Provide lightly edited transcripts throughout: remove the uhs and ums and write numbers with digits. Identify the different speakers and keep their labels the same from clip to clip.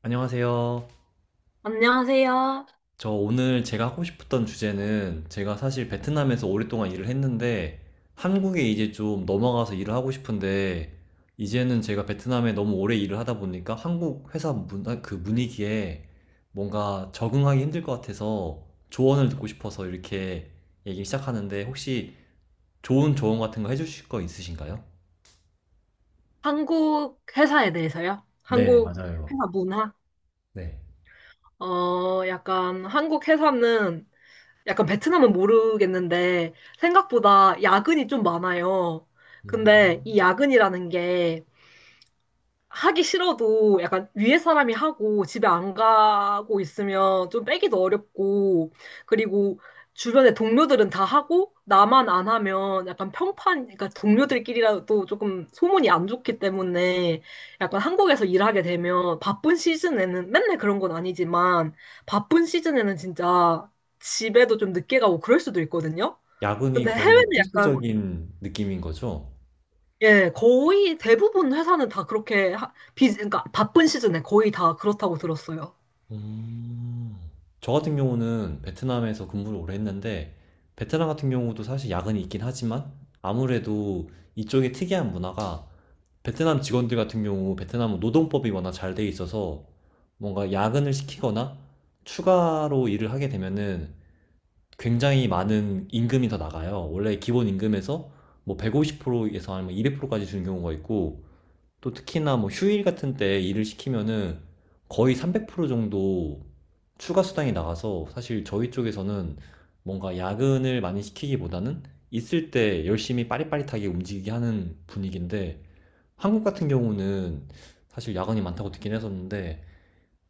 Speaker 1: 안녕하세요.
Speaker 2: 안녕하세요.
Speaker 1: 저 오늘 제가 하고 싶었던 주제는, 제가 사실 베트남에서 오랫동안 일을 했는데 한국에 이제 좀 넘어가서 일을 하고 싶은데, 이제는 제가 베트남에 너무 오래 일을 하다 보니까 한국 회사 그 분위기에 뭔가 적응하기 힘들 것 같아서 조언을 듣고 싶어서 이렇게 얘기를 시작하는데, 혹시 좋은 조언 같은 거 해주실 거 있으신가요?
Speaker 2: 한국 회사에 대해서요?
Speaker 1: 네,
Speaker 2: 한국
Speaker 1: 맞아요.
Speaker 2: 회사 문화?
Speaker 1: 네.
Speaker 2: 약간 한국 회사는 약간 베트남은 모르겠는데 생각보다 야근이 좀 많아요. 근데 이
Speaker 1: 음.
Speaker 2: 야근이라는 게 하기 싫어도 약간 위에 사람이 하고 집에 안 가고 있으면 좀 빼기도 어렵고, 그리고 주변에 동료들은 다 하고 나만 안 하면 약간 평판, 그러니까 동료들끼리라도 조금 소문이 안 좋기 때문에 약간 한국에서 일하게 되면 바쁜 시즌에는 맨날 그런 건 아니지만 바쁜 시즌에는 진짜 집에도 좀 늦게 가고 그럴 수도 있거든요.
Speaker 1: 야근이
Speaker 2: 근데
Speaker 1: 거의
Speaker 2: 해외는 약간
Speaker 1: 필수적인 느낌인 거죠?
Speaker 2: 예, 거의 대부분 회사는 다 그렇게 그러니까 바쁜 시즌에 거의 다 그렇다고 들었어요.
Speaker 1: 음. 저 같은 경우는 베트남에서 근무를 오래 했는데, 베트남 같은 경우도 사실 야근이 있긴 하지만, 아무래도 이쪽의 특이한 문화가, 베트남 직원들 같은 경우, 베트남은 노동법이 워낙 잘 돼 있어서 뭔가 야근을 시키거나 추가로 일을 하게 되면은 굉장히 많은 임금이 더 나가요. 원래 기본 임금에서 뭐 150%에서 아니면 200%까지 주는 경우가 있고, 또 특히나 뭐 휴일 같은 때 일을 시키면은 거의 300% 정도 추가 수당이 나가서, 사실 저희 쪽에서는 뭔가 야근을 많이 시키기보다는 있을 때 열심히 빠릿빠릿하게 움직이게 하는 분위기인데, 한국 같은 경우는 사실 야근이 많다고 듣긴 했었는데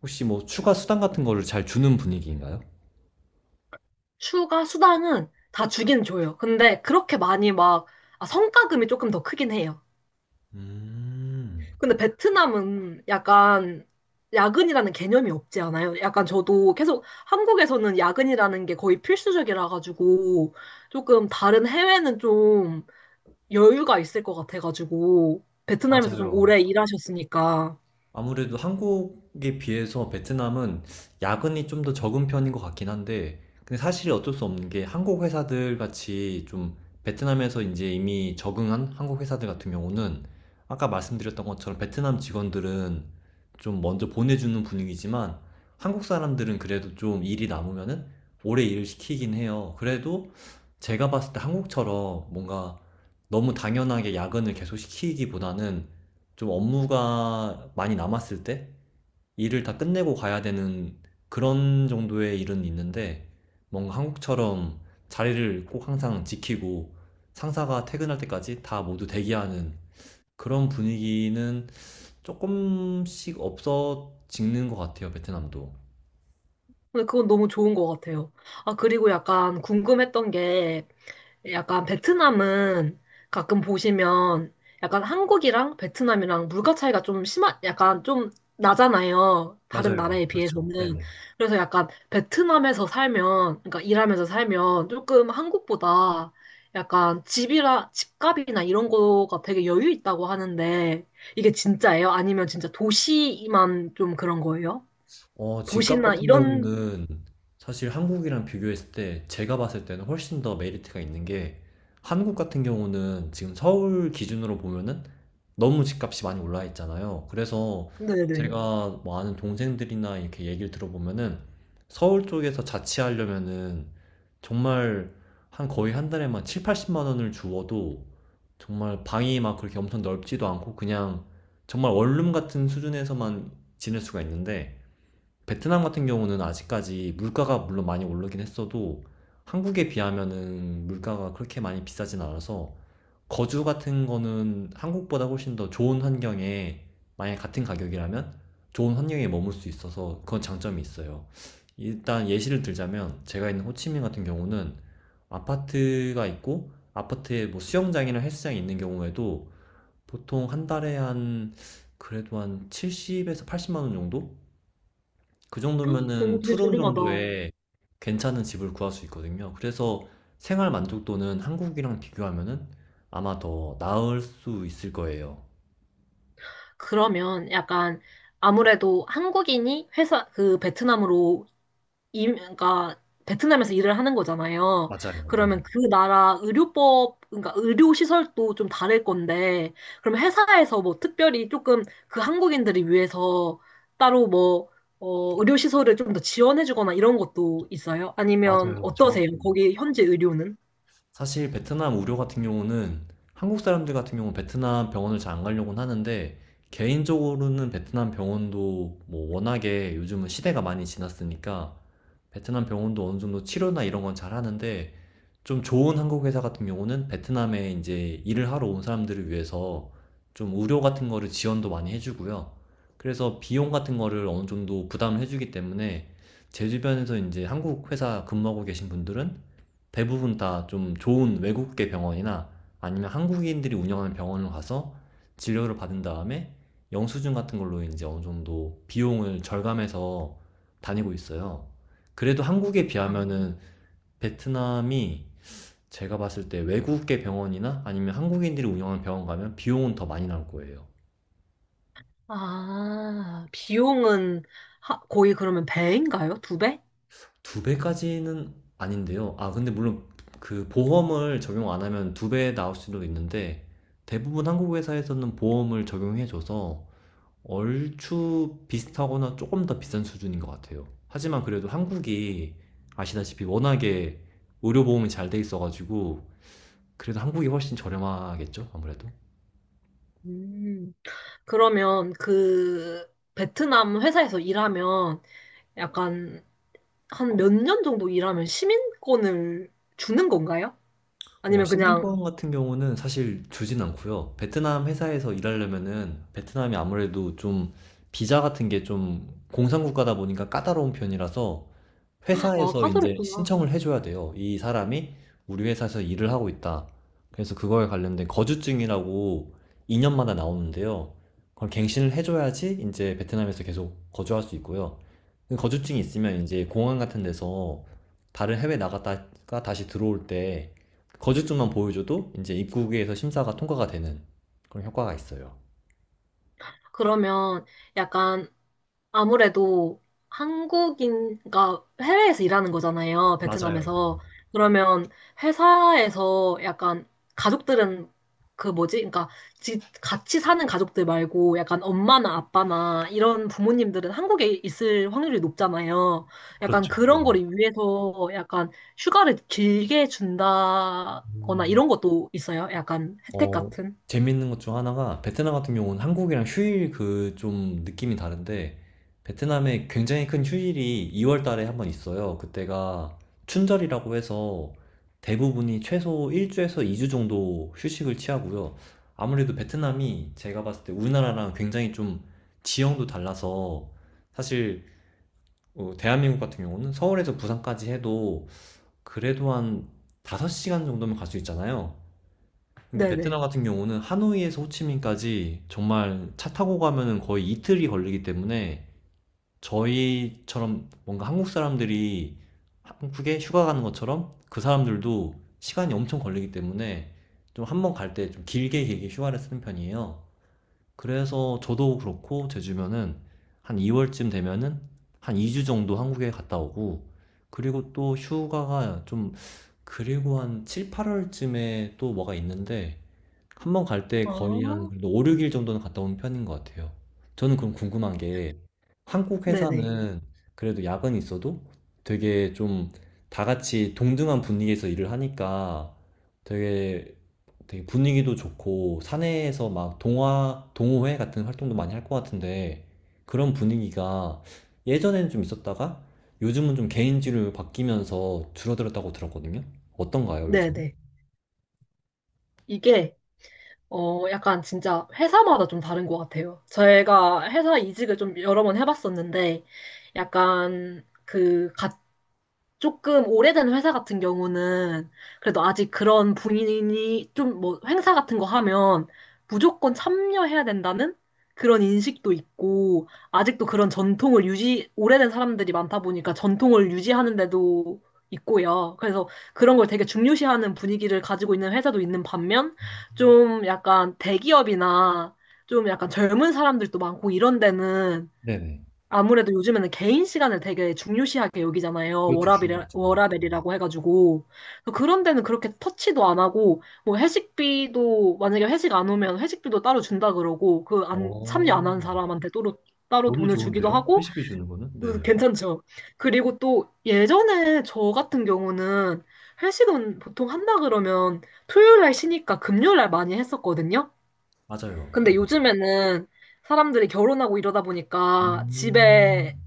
Speaker 1: 혹시 뭐 추가 수당 같은 거를 잘 주는 분위기인가요?
Speaker 2: 휴가 수당은 다 주긴 줘요. 근데 그렇게 많이 막 성과금이 조금 더 크긴 해요.
Speaker 1: 음,
Speaker 2: 근데 베트남은 약간 야근이라는 개념이 없지 않아요? 약간 저도 계속 한국에서는 야근이라는 게 거의 필수적이라 가지고 조금 다른 해외는 좀 여유가 있을 것 같아 가지고 베트남에서 좀
Speaker 1: 맞아요.
Speaker 2: 오래 일하셨으니까.
Speaker 1: 아무래도 한국에 비해서 베트남은 야근이 좀 더 적은 편인 것 같긴 한데, 근데 사실 어쩔 수 없는 게, 한국 회사들 같이 좀 베트남에서 이제 이미 적응한 한국 회사들 같은 경우는 아까 말씀드렸던 것처럼 베트남 직원들은 좀 먼저 보내주는 분위기지만 한국 사람들은 그래도 좀 일이 남으면은 오래 일을 시키긴 해요. 그래도 제가 봤을 때 한국처럼 뭔가 너무 당연하게 야근을 계속 시키기보다는 좀 업무가 많이 남았을 때 일을 다 끝내고 가야 되는 그런 정도의 일은 있는데, 뭔가 한국처럼 자리를 꼭 항상 지키고 상사가 퇴근할 때까지 다 모두 대기하는 그런 분위기는 조금씩 없어지는 것 같아요, 베트남도.
Speaker 2: 근데 그건 너무 좋은 것 같아요. 아, 그리고 약간 궁금했던 게, 약간 베트남은 가끔 보시면 약간 한국이랑 베트남이랑 물가 차이가 좀 심한, 약간 좀 나잖아요, 다른
Speaker 1: 맞아요.
Speaker 2: 나라에
Speaker 1: 그렇죠.
Speaker 2: 비해서는.
Speaker 1: 네네.
Speaker 2: 그래서 약간 베트남에서 살면, 그러니까 일하면서 살면 조금 한국보다 약간 집값이나 이런 거가 되게 여유 있다고 하는데, 이게 진짜예요? 아니면 진짜 도시만 좀 그런 거예요?
Speaker 1: 어, 집값
Speaker 2: 도시나
Speaker 1: 같은
Speaker 2: 이런.
Speaker 1: 경우는 사실 한국이랑 비교했을 때 제가 봤을 때는 훨씬 더 메리트가 있는 게, 한국 같은 경우는 지금 서울 기준으로 보면은 너무 집값이 많이 올라 있잖아요. 그래서
Speaker 2: 네네.
Speaker 1: 제가 뭐 아는 동생들이나 이렇게 얘기를 들어보면은 서울 쪽에서 자취하려면은 정말 한 거의 한 달에만 7, 80만 원을 주어도 정말 방이 막 그렇게 엄청 넓지도 않고 그냥 정말 원룸 같은 수준에서만 지낼 수가 있는데, 베트남 같은 경우는 아직까지 물가가 물론 많이 오르긴 했어도 한국에 비하면은 물가가 그렇게 많이 비싸진 않아서 거주 같은 거는 한국보다 훨씬 더 좋은 환경에, 만약 같은 가격이라면 좋은 환경에 머물 수 있어서 그건 장점이 있어요. 일단 예시를 들자면 제가 있는 호치민 같은 경우는 아파트가 있고, 아파트에 뭐 수영장이나 헬스장이 있는 경우에도 보통 한 달에 한, 그래도 한 70에서 80만 원 정도? 그
Speaker 2: 오,
Speaker 1: 정도면은
Speaker 2: 되게
Speaker 1: 투룸
Speaker 2: 저렴하다.
Speaker 1: 정도에 괜찮은 집을 구할 수 있거든요. 그래서 생활 만족도는 한국이랑 비교하면은 아마 더 나을 수 있을 거예요.
Speaker 2: 그러면 약간 아무래도 한국인이 회사 그 베트남으로 그러니까 베트남에서 일을 하는 거잖아요.
Speaker 1: 맞아요. 네.
Speaker 2: 그러면 그 나라 의료법, 그러니까 의료 시설도 좀 다를 건데, 그럼 회사에서 뭐 특별히 조금 그 한국인들을 위해서 따로 뭐 의료 시설을 좀 더 지원해 주거나 이런 것도 있어요? 아니면
Speaker 1: 맞아요.
Speaker 2: 어떠세요?
Speaker 1: 정확히.
Speaker 2: 거기 현지 의료는?
Speaker 1: 사실 베트남 의료 같은 경우는, 한국 사람들 같은 경우는 베트남 병원을 잘 안 가려고는 하는데, 개인적으로는 베트남 병원도 뭐 워낙에 요즘은 시대가 많이 지났으니까 베트남 병원도 어느 정도 치료나 이런 건 잘 하는데, 좀 좋은 한국 회사 같은 경우는 베트남에 이제 일을 하러 온 사람들을 위해서 좀 의료 같은 거를 지원도 많이 해주고요. 그래서 비용 같은 거를 어느 정도 부담을 해주기 때문에, 제 주변에서 이제 한국 회사 근무하고 계신 분들은 대부분 다 좀 좋은 외국계 병원이나 아니면 한국인들이 운영하는 병원을 가서 진료를 받은 다음에 영수증 같은 걸로 이제 어느 정도 비용을 절감해서 다니고 있어요. 그래도 한국에
Speaker 2: 아.
Speaker 1: 비하면은 베트남이, 제가 봤을 때 외국계 병원이나 아니면 한국인들이 운영하는 병원 가면 비용은 더 많이 나올 거예요.
Speaker 2: 아, 비용은 거의 그러면 배인가요? 두 배?
Speaker 1: 두 배까지는 아닌데요. 아, 근데 물론 그 보험을 적용 안 하면 두 배 나올 수도 있는데 대부분 한국 회사에서는 보험을 적용해줘서 얼추 비슷하거나 조금 더 비싼 수준인 것 같아요. 하지만 그래도 한국이 아시다시피 워낙에 의료보험이 잘 돼 있어가지고 그래도 한국이 훨씬 저렴하겠죠? 아무래도.
Speaker 2: 음. 그러면 그 베트남 회사에서 일하면 약간 한 몇 년 정도 일하면 시민권을 주는 건가요?
Speaker 1: 어,
Speaker 2: 아니면 그냥,
Speaker 1: 시민권 같은 경우는 사실 주진 않고요. 베트남 회사에서 일하려면은 베트남이 아무래도 좀 비자 같은 게 좀 공산국가다 보니까 까다로운 편이라서
Speaker 2: 아,
Speaker 1: 회사에서 이제
Speaker 2: 까다롭구나.
Speaker 1: 신청을 해 줘야 돼요. 이 사람이 우리 회사에서 일을 하고 있다. 그래서 그거에 관련된 거주증이라고 2년마다 년마다 나오는데요. 그걸 갱신을 해 줘야지 이제 베트남에서 계속 거주할 수 있고요. 그 거주증이 있으면 이제 공항 같은 데서 다른 해외 나갔다가 다시 들어올 때 거주증만 보여 줘도 이제 입국에서 심사가 통과가 되는 그런 효과가 있어요.
Speaker 2: 그러면 약간 아무래도 한국인, 그 해외에서 일하는 거잖아요,
Speaker 1: 맞아요. 네.
Speaker 2: 베트남에서. 그러면 회사에서 약간 가족들은 그 뭐지? 그러니까 같이 사는 가족들 말고 약간 엄마나 아빠나 이런 부모님들은 한국에 있을 확률이 높잖아요. 약간
Speaker 1: 그렇죠.
Speaker 2: 그런
Speaker 1: 네네.
Speaker 2: 거를 위해서 약간 휴가를 길게 준다거나
Speaker 1: 음.
Speaker 2: 이런 것도 있어요, 약간 혜택
Speaker 1: 어,
Speaker 2: 같은.
Speaker 1: 재밌는 것 중 하나가 베트남 같은 경우는 한국이랑 휴일 그 좀 느낌이 다른데, 베트남에 굉장히 큰 휴일이 2월 달에 한 번 있어요. 그때가 춘절이라고 해서 대부분이 최소 1주에서 2주 정도 휴식을 취하고요. 아무래도 베트남이 제가 봤을 때 우리나라랑 굉장히 좀 지형도 달라서, 사실 어, 대한민국 같은 경우는 서울에서 부산까지 해도 그래도 한 5시간 정도면 갈 수 있잖아요. 근데 베트남
Speaker 2: 네네.
Speaker 1: 같은 경우는 하노이에서 호치민까지 정말 차 타고 가면은 거의 이틀이 걸리기 때문에 저희처럼 뭔가 한국 사람들이 한국에 휴가 가는 것처럼 그 사람들도 시간이 엄청 걸리기 때문에 좀 한 번 갈 때 좀 길게 길게 휴가를 쓰는 편이에요. 그래서 저도 그렇고 제 주변은 한 2월쯤 되면은 한 2주 정도 한국에 갔다 오고, 그리고 또 휴가가 좀, 그리고 한 7, 8월쯤에 또 뭐가 있는데 한 번 갈 때 거의 한,
Speaker 2: 아,
Speaker 1: 그래도 5-6일 정도는 갔다 온 편인 것 같아요. 저는 그럼 궁금한 게, 한국
Speaker 2: 네네.
Speaker 1: 회사는 그래도 야근이 있어도 되게 좀 다 같이 동등한 분위기에서 일을 하니까 되게, 되게 분위기도 좋고 사내에서 막 동화 동호회 같은 활동도 많이 할 것 같은데 그런 분위기가 예전에는 좀 있었다가 요즘은 좀 개인주의로 바뀌면서 줄어들었다고 들었거든요. 어떤가요, 요즘?
Speaker 2: 네네. 이게 약간 진짜 회사마다 좀 다른 것 같아요. 제가 회사 이직을 좀 여러 번 해봤었는데, 약간 조금 오래된 회사 같은 경우는 그래도 아직 그런 분위기 좀, 뭐 행사 같은 거 하면 무조건 참여해야 된다는 그런 인식도 있고, 아직도 그런 전통을 유지 오래된 사람들이 많다 보니까 전통을 유지하는 데도 있고요. 그래서 그런 걸 되게 중요시하는 분위기를 가지고 있는 회사도 있는 반면, 좀 약간 대기업이나 좀 약간 젊은 사람들도 많고 이런 데는
Speaker 1: 네네.
Speaker 2: 아무래도 요즘에는 개인 시간을 되게 중요시하게 여기잖아요.
Speaker 1: 그렇죠.
Speaker 2: 워라벨,
Speaker 1: 중요하죠.
Speaker 2: 워라벨이라고 해가지고. 그런 데는 그렇게 터치도 안 하고, 뭐 회식비도, 만약에 회식 안 오면 회식비도 따로 준다 그러고, 그 안, 참여
Speaker 1: 오~~
Speaker 2: 안 한 사람한테 따로, 따로
Speaker 1: 너무
Speaker 2: 돈을 주기도
Speaker 1: 좋은데요?
Speaker 2: 하고,
Speaker 1: 회식해 주는 거는?
Speaker 2: 그
Speaker 1: 네.
Speaker 2: 괜찮죠. 그리고 또 예전에 저 같은 경우는 회식은 보통 한다 그러면 토요일 날 쉬니까 금요일 날 많이 했었거든요.
Speaker 1: 맞아요.
Speaker 2: 근데
Speaker 1: 네.
Speaker 2: 요즘에는 사람들이 결혼하고 이러다 보니까 집에
Speaker 1: 음.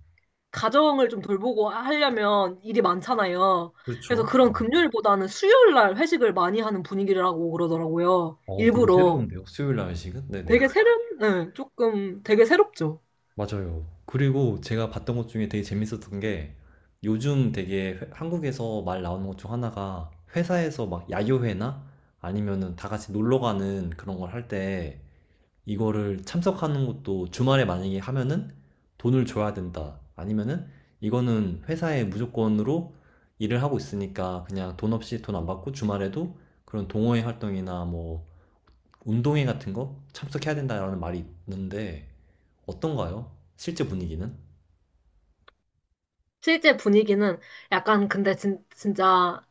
Speaker 2: 가정을 좀 돌보고 하려면 일이 많잖아요. 그래서
Speaker 1: 그렇죠.
Speaker 2: 그런
Speaker 1: 네.
Speaker 2: 금요일보다는 수요일 날 회식을 많이 하는 분위기라고 그러더라고요.
Speaker 1: 어, 되게
Speaker 2: 일부러.
Speaker 1: 새로운데요. 수요일 날 회식은? 네네.
Speaker 2: 되게 새로운, 네, 조금 되게 새롭죠.
Speaker 1: 맞아요. 그리고 제가 봤던 것 중에 되게 재밌었던 게 요즘 되게 한국에서 말 나오는 것 중 하나가, 회사에서 막 야유회나 아니면은 다 같이 놀러 가는 그런 걸할때 이거를 참석하는 것도 주말에 만약에 하면은 돈을 줘야 된다. 아니면은 이거는 회사에 무조건으로 일을 하고 있으니까 그냥 돈 없이, 돈 안 받고 주말에도 그런 동호회 활동이나 뭐 운동회 같은 거 참석해야 된다라는 말이 있는데 어떤가요? 실제 분위기는?
Speaker 2: 실제 분위기는 약간 근데 진짜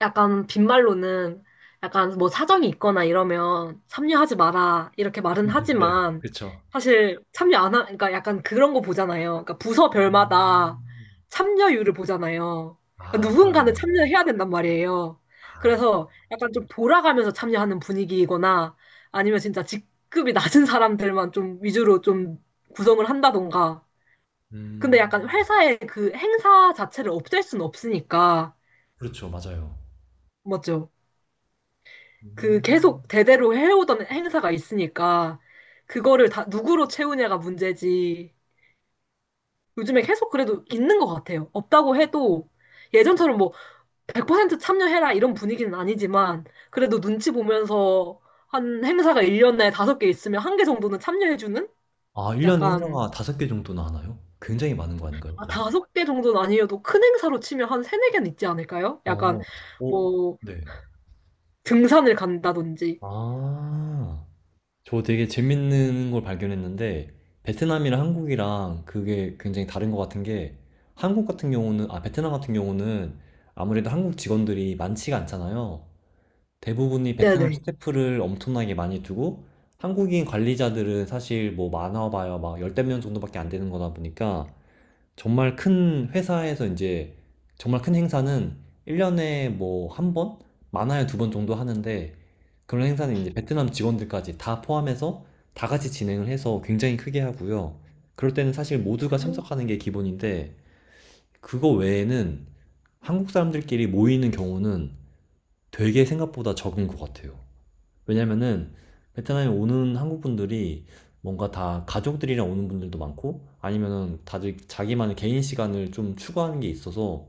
Speaker 2: 약간 빈말로는 약간 뭐 사정이 있거나 이러면 참여하지 마라 이렇게 말은
Speaker 1: 네,
Speaker 2: 하지만,
Speaker 1: 그쵸.
Speaker 2: 사실 참여 안 하, 그러니까 약간 그런 거 보잖아요. 그러니까 부서별마다 참여율을 보잖아요. 그러니까
Speaker 1: 아, 그러네요.
Speaker 2: 누군가는 참여해야 된단 말이에요.
Speaker 1: 아.
Speaker 2: 그래서 약간 좀 돌아가면서 참여하는 분위기이거나 아니면 진짜 직급이 낮은 사람들만 좀 위주로 좀 구성을 한다던가. 근데
Speaker 1: 음.
Speaker 2: 약간 회사의 그 행사 자체를 없앨 수는 없으니까.
Speaker 1: 그렇죠. 맞아요.
Speaker 2: 맞죠? 그 계속
Speaker 1: 음.
Speaker 2: 대대로 해오던 행사가 있으니까 그거를 다 누구로 채우냐가 문제지. 요즘에 계속 그래도 있는 것 같아요. 없다고 해도 예전처럼 뭐 100% 참여해라 이런 분위기는 아니지만 그래도 눈치 보면서 한 행사가 1년에 다섯 개 있으면 한 개 정도는 참여해주는?
Speaker 1: 아, 1년에
Speaker 2: 약간
Speaker 1: 행사가 5개 정도나 하나요? 굉장히 많은 거 아닌가요?
Speaker 2: 아, 다섯 개 정도는 아니어도 큰 행사로 치면 한 세네 개는 있지 않을까요? 약간
Speaker 1: 어. 오.
Speaker 2: 뭐
Speaker 1: 네.
Speaker 2: 등산을 간다든지.
Speaker 1: 아. 저 되게 재밌는 걸 발견했는데 베트남이랑 한국이랑 그게 굉장히 다른 것 같은 게, 한국 같은 경우는, 아, 베트남 같은 경우는 아무래도 한국 직원들이 많지가 않잖아요. 대부분이 베트남
Speaker 2: 네네.
Speaker 1: 스태프를 엄청나게 많이 두고 한국인 관리자들은 사실 뭐 많아봐야 막 열댓 명 정도밖에 안 되는 거다 보니까 정말 큰 회사에서 이제 정말 큰 행사는 1년에 뭐 한 번? 많아야 두 번 정도 하는데, 그런 행사는 이제 베트남 직원들까지 다 포함해서 다 같이 진행을 해서 굉장히 크게 하고요. 그럴 때는 사실 모두가 참석하는 게 기본인데 그거 외에는 한국 사람들끼리 모이는 경우는 되게 생각보다 적은 것 같아요. 왜냐면은 베트남에 오는 한국 분들이 뭔가 다 가족들이랑 오는 분들도 많고, 아니면은 다들 자기만의 개인 시간을 좀 추구하는 게 있어서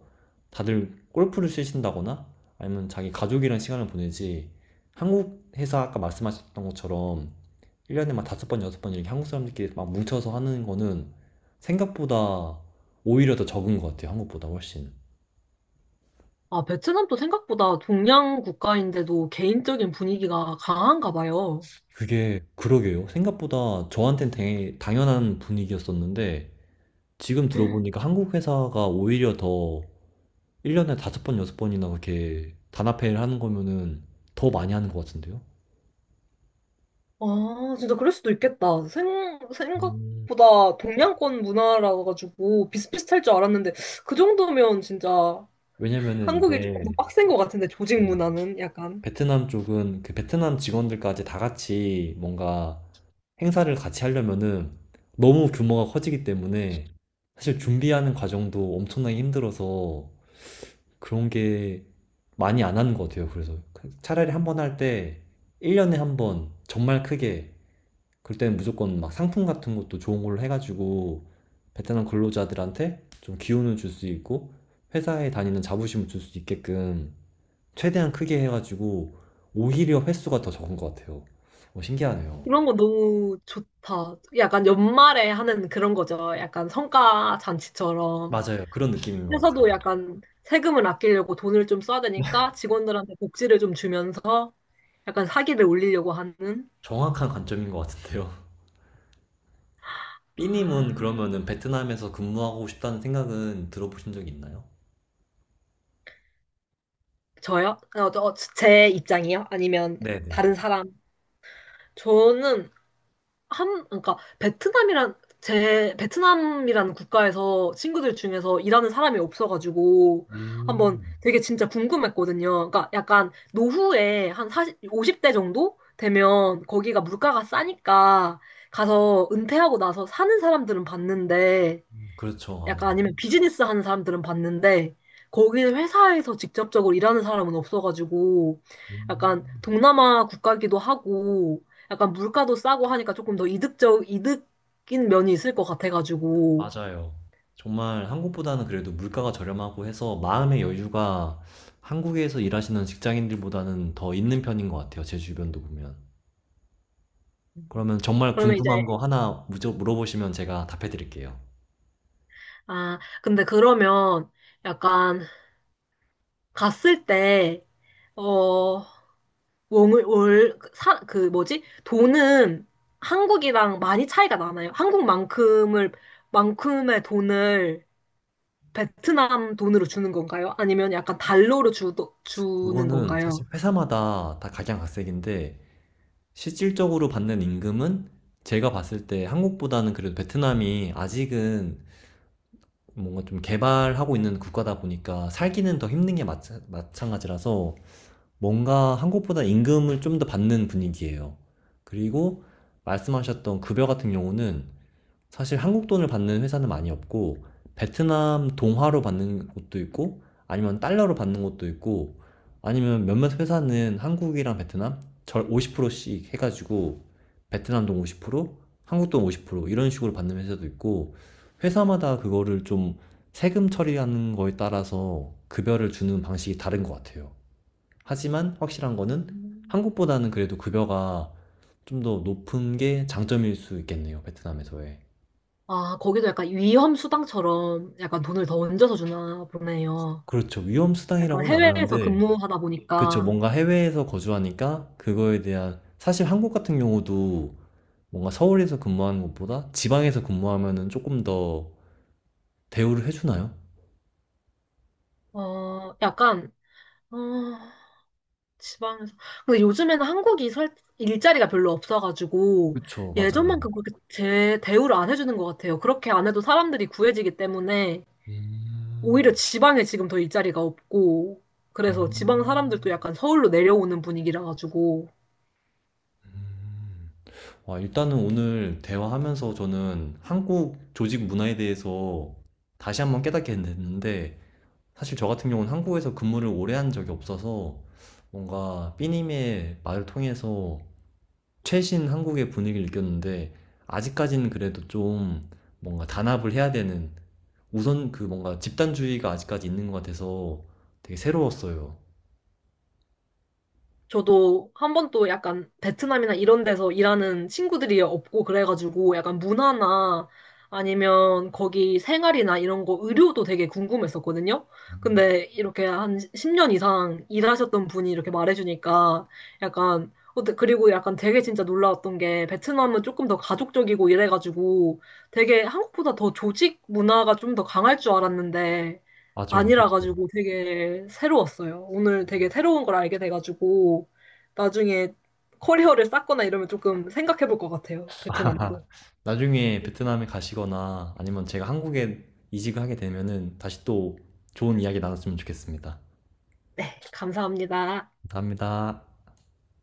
Speaker 1: 다들 골프를 치신다거나 아니면 자기 가족이랑 시간을 보내지, 한국 회사 아까 말씀하셨던 것처럼 1년에 막 다섯 번, 여섯 번 이렇게 한국 사람들끼리 막 뭉쳐서 하는 거는 생각보다 오히려 더 적은 것 같아요. 한국보다 훨씬.
Speaker 2: 아, 베트남도 생각보다 동양 국가인데도 개인적인 분위기가 강한가 봐요.
Speaker 1: 그게, 그러게요. 생각보다 저한텐 되게 당연한 분위기였었는데, 지금 들어보니까 한국 회사가 오히려 더 1년에 5번, 6번이나 그렇게 단합회의를 하는 거면은 더 많이 하는 것 같은데요?
Speaker 2: 아, 진짜 그럴 수도 있겠다.
Speaker 1: 음.
Speaker 2: 생각보다 동양권 문화라 가지고 비슷비슷할 줄 알았는데 그 정도면 진짜
Speaker 1: 왜냐면은
Speaker 2: 한국이 조금 더
Speaker 1: 이제,
Speaker 2: 빡센 것 같은데, 조직
Speaker 1: 네,
Speaker 2: 문화는 약간
Speaker 1: 베트남 쪽은 그 베트남 직원들까지 다 같이 뭔가 행사를 같이 하려면은 너무 규모가 커지기 때문에 사실 준비하는 과정도 엄청나게 힘들어서 그런 게 많이 안 하는 것 같아요. 그래서 그 차라리 한번 할 때 1년에 한번 정말 크게, 그럴 때는 무조건 막 상품 같은 것도 좋은 걸로 해가지고 베트남 근로자들한테 좀 기운을 줄 수 있고 회사에 다니는 자부심을 줄 수 있게끔 최대한 크게 해가지고 오히려 횟수가 더 적은 것 같아요. 어, 신기하네요.
Speaker 2: 이런 거 너무 좋다. 약간 연말에 하는 그런 거죠. 약간 성과 잔치처럼.
Speaker 1: 맞아요. 그런 느낌인 것 같아요.
Speaker 2: 회사도 약간 세금을 아끼려고 돈을 좀 써야 되니까 직원들한테 복지를 좀 주면서 약간 사기를 올리려고 하는.
Speaker 1: 정확한 관점인 것 같은데요. 삐님은
Speaker 2: 아,
Speaker 1: 그러면은 베트남에서 근무하고 싶다는 생각은 들어보신 적이 있나요?
Speaker 2: 저요? 제 입장이요? 아니면
Speaker 1: 네네.
Speaker 2: 다른 사람? 저는 한, 그러니까 베트남이란 제 베트남이라는 국가에서 친구들 중에서 일하는 사람이 없어가지고 한번
Speaker 1: 음,
Speaker 2: 되게 진짜 궁금했거든요. 그러니까 약간 노후에 한 40 50대 정도 되면 거기가 물가가 싸니까 가서 은퇴하고 나서 사는 사람들은 봤는데,
Speaker 1: 그렇죠.
Speaker 2: 약간 아니면
Speaker 1: 아무래도.
Speaker 2: 비즈니스 하는 사람들은 봤는데 거기 회사에서 직접적으로 일하는 사람은 없어가지고.
Speaker 1: 음.
Speaker 2: 약간 동남아 국가기도 하고 약간 물가도 싸고 하니까 조금 더 이득적 이득인 면이 있을 것 같아가지고.
Speaker 1: 맞아요. 정말 한국보다는 그래도 물가가 저렴하고 해서 마음의 여유가 한국에서 일하시는 직장인들보다는 더 있는 편인 것 같아요. 제 주변도 보면. 그러면 정말
Speaker 2: 그러면 이제
Speaker 1: 궁금한 거 하나 물어보시면 제가 답해 드릴게요.
Speaker 2: 아 근데 그러면 약간 갔을 때어 원을 월사그 뭐지, 돈은 한국이랑 많이 차이가 나나요? 한국만큼을 만큼의 돈을 베트남 돈으로 주는 건가요? 아니면 약간 달러로 주는
Speaker 1: 그거는
Speaker 2: 건가요?
Speaker 1: 사실 회사마다 다 각양각색인데 실질적으로 받는 임금은 제가 봤을 때 한국보다는 그래도 베트남이 아직은 뭔가 좀 개발하고 있는 국가다 보니까 살기는 더 힘든 게 마찬가지라서 뭔가 한국보다 임금을 좀 더 받는 분위기예요. 그리고 말씀하셨던 급여 같은 경우는 사실 한국 돈을 받는 회사는 많이 없고 베트남 동화로 받는 곳도 있고 아니면 달러로 받는 곳도 있고, 아니면 몇몇 회사는 한국이랑 베트남 절 50%씩 해가지고 베트남 돈 50%, 한국 돈 50% 이런 식으로 받는 회사도 있고, 회사마다 그거를 좀 세금 처리하는 거에 따라서 급여를 주는 방식이 다른 것 같아요. 하지만 확실한 거는
Speaker 2: 음.
Speaker 1: 한국보다는 그래도 급여가 좀 더 높은 게 장점일 수 있겠네요, 베트남에서의.
Speaker 2: 아, 거기도 약간 위험 수당처럼 약간 돈을 더 얹어서 주나 보네요.
Speaker 1: 그렇죠. 위험
Speaker 2: 약간
Speaker 1: 수당이라고는 안
Speaker 2: 해외에서
Speaker 1: 하는데,
Speaker 2: 근무하다
Speaker 1: 그렇죠.
Speaker 2: 보니까.
Speaker 1: 뭔가 해외에서 거주하니까 그거에 대한, 사실 한국 같은 경우도 뭔가 서울에서 근무하는 것보다 지방에서 근무하면은 조금 더 대우를 해주나요?
Speaker 2: 어, 약간, 어, 지방에서. 근데 요즘에는 한국이 일자리가 별로 없어가지고
Speaker 1: 그쵸, 맞아요.
Speaker 2: 예전만큼 그렇게 대우를 안 해주는 것 같아요. 그렇게 안 해도 사람들이 구해지기 때문에
Speaker 1: 음.
Speaker 2: 오히려 지방에 지금 더 일자리가 없고, 그래서 지방
Speaker 1: 음.
Speaker 2: 사람들도 약간 서울로 내려오는 분위기라 가지고.
Speaker 1: 음. 와, 일단은 오늘 대화하면서 저는 한국 조직 문화에 대해서 다시 한번 깨닫게 됐는데, 사실 저 같은 경우는 한국에서 근무를 오래 한 적이 없어서 뭔가 삐님의 말을 통해서 최신 한국의 분위기를 느꼈는데, 아직까지는 그래도 좀 뭔가 단합을 해야 되는, 우선 그 뭔가 집단주의가 아직까지 있는 것 같아서 되게 새로웠어요.
Speaker 2: 저도 한 번도 약간 베트남이나 이런 데서 일하는 친구들이 없고 그래가지고 약간 문화나 아니면 거기 생활이나 이런 거 의료도 되게 궁금했었거든요. 근데 이렇게 한 10년 이상 일하셨던 분이 이렇게 말해주니까 약간 그리고 약간 되게 진짜 놀라웠던 게 베트남은 조금 더 가족적이고 이래가지고 되게 한국보다 더 조직 문화가 좀 더 강할 줄 알았는데
Speaker 1: 맞아요,
Speaker 2: 아니라
Speaker 1: 그렇죠.
Speaker 2: 가지고 되게 새로웠어요. 오늘 되게 새로운 걸 알게 돼가지고 나중에 커리어를 쌓거나 이러면 조금 생각해 볼 것 같아요. 베트남도.
Speaker 1: 나중에 베트남에 가시거나 아니면 제가 한국에 이직을 하게 되면은 다시 또 좋은 이야기 나눴으면 좋겠습니다.
Speaker 2: 네, 감사합니다.
Speaker 1: 감사합니다.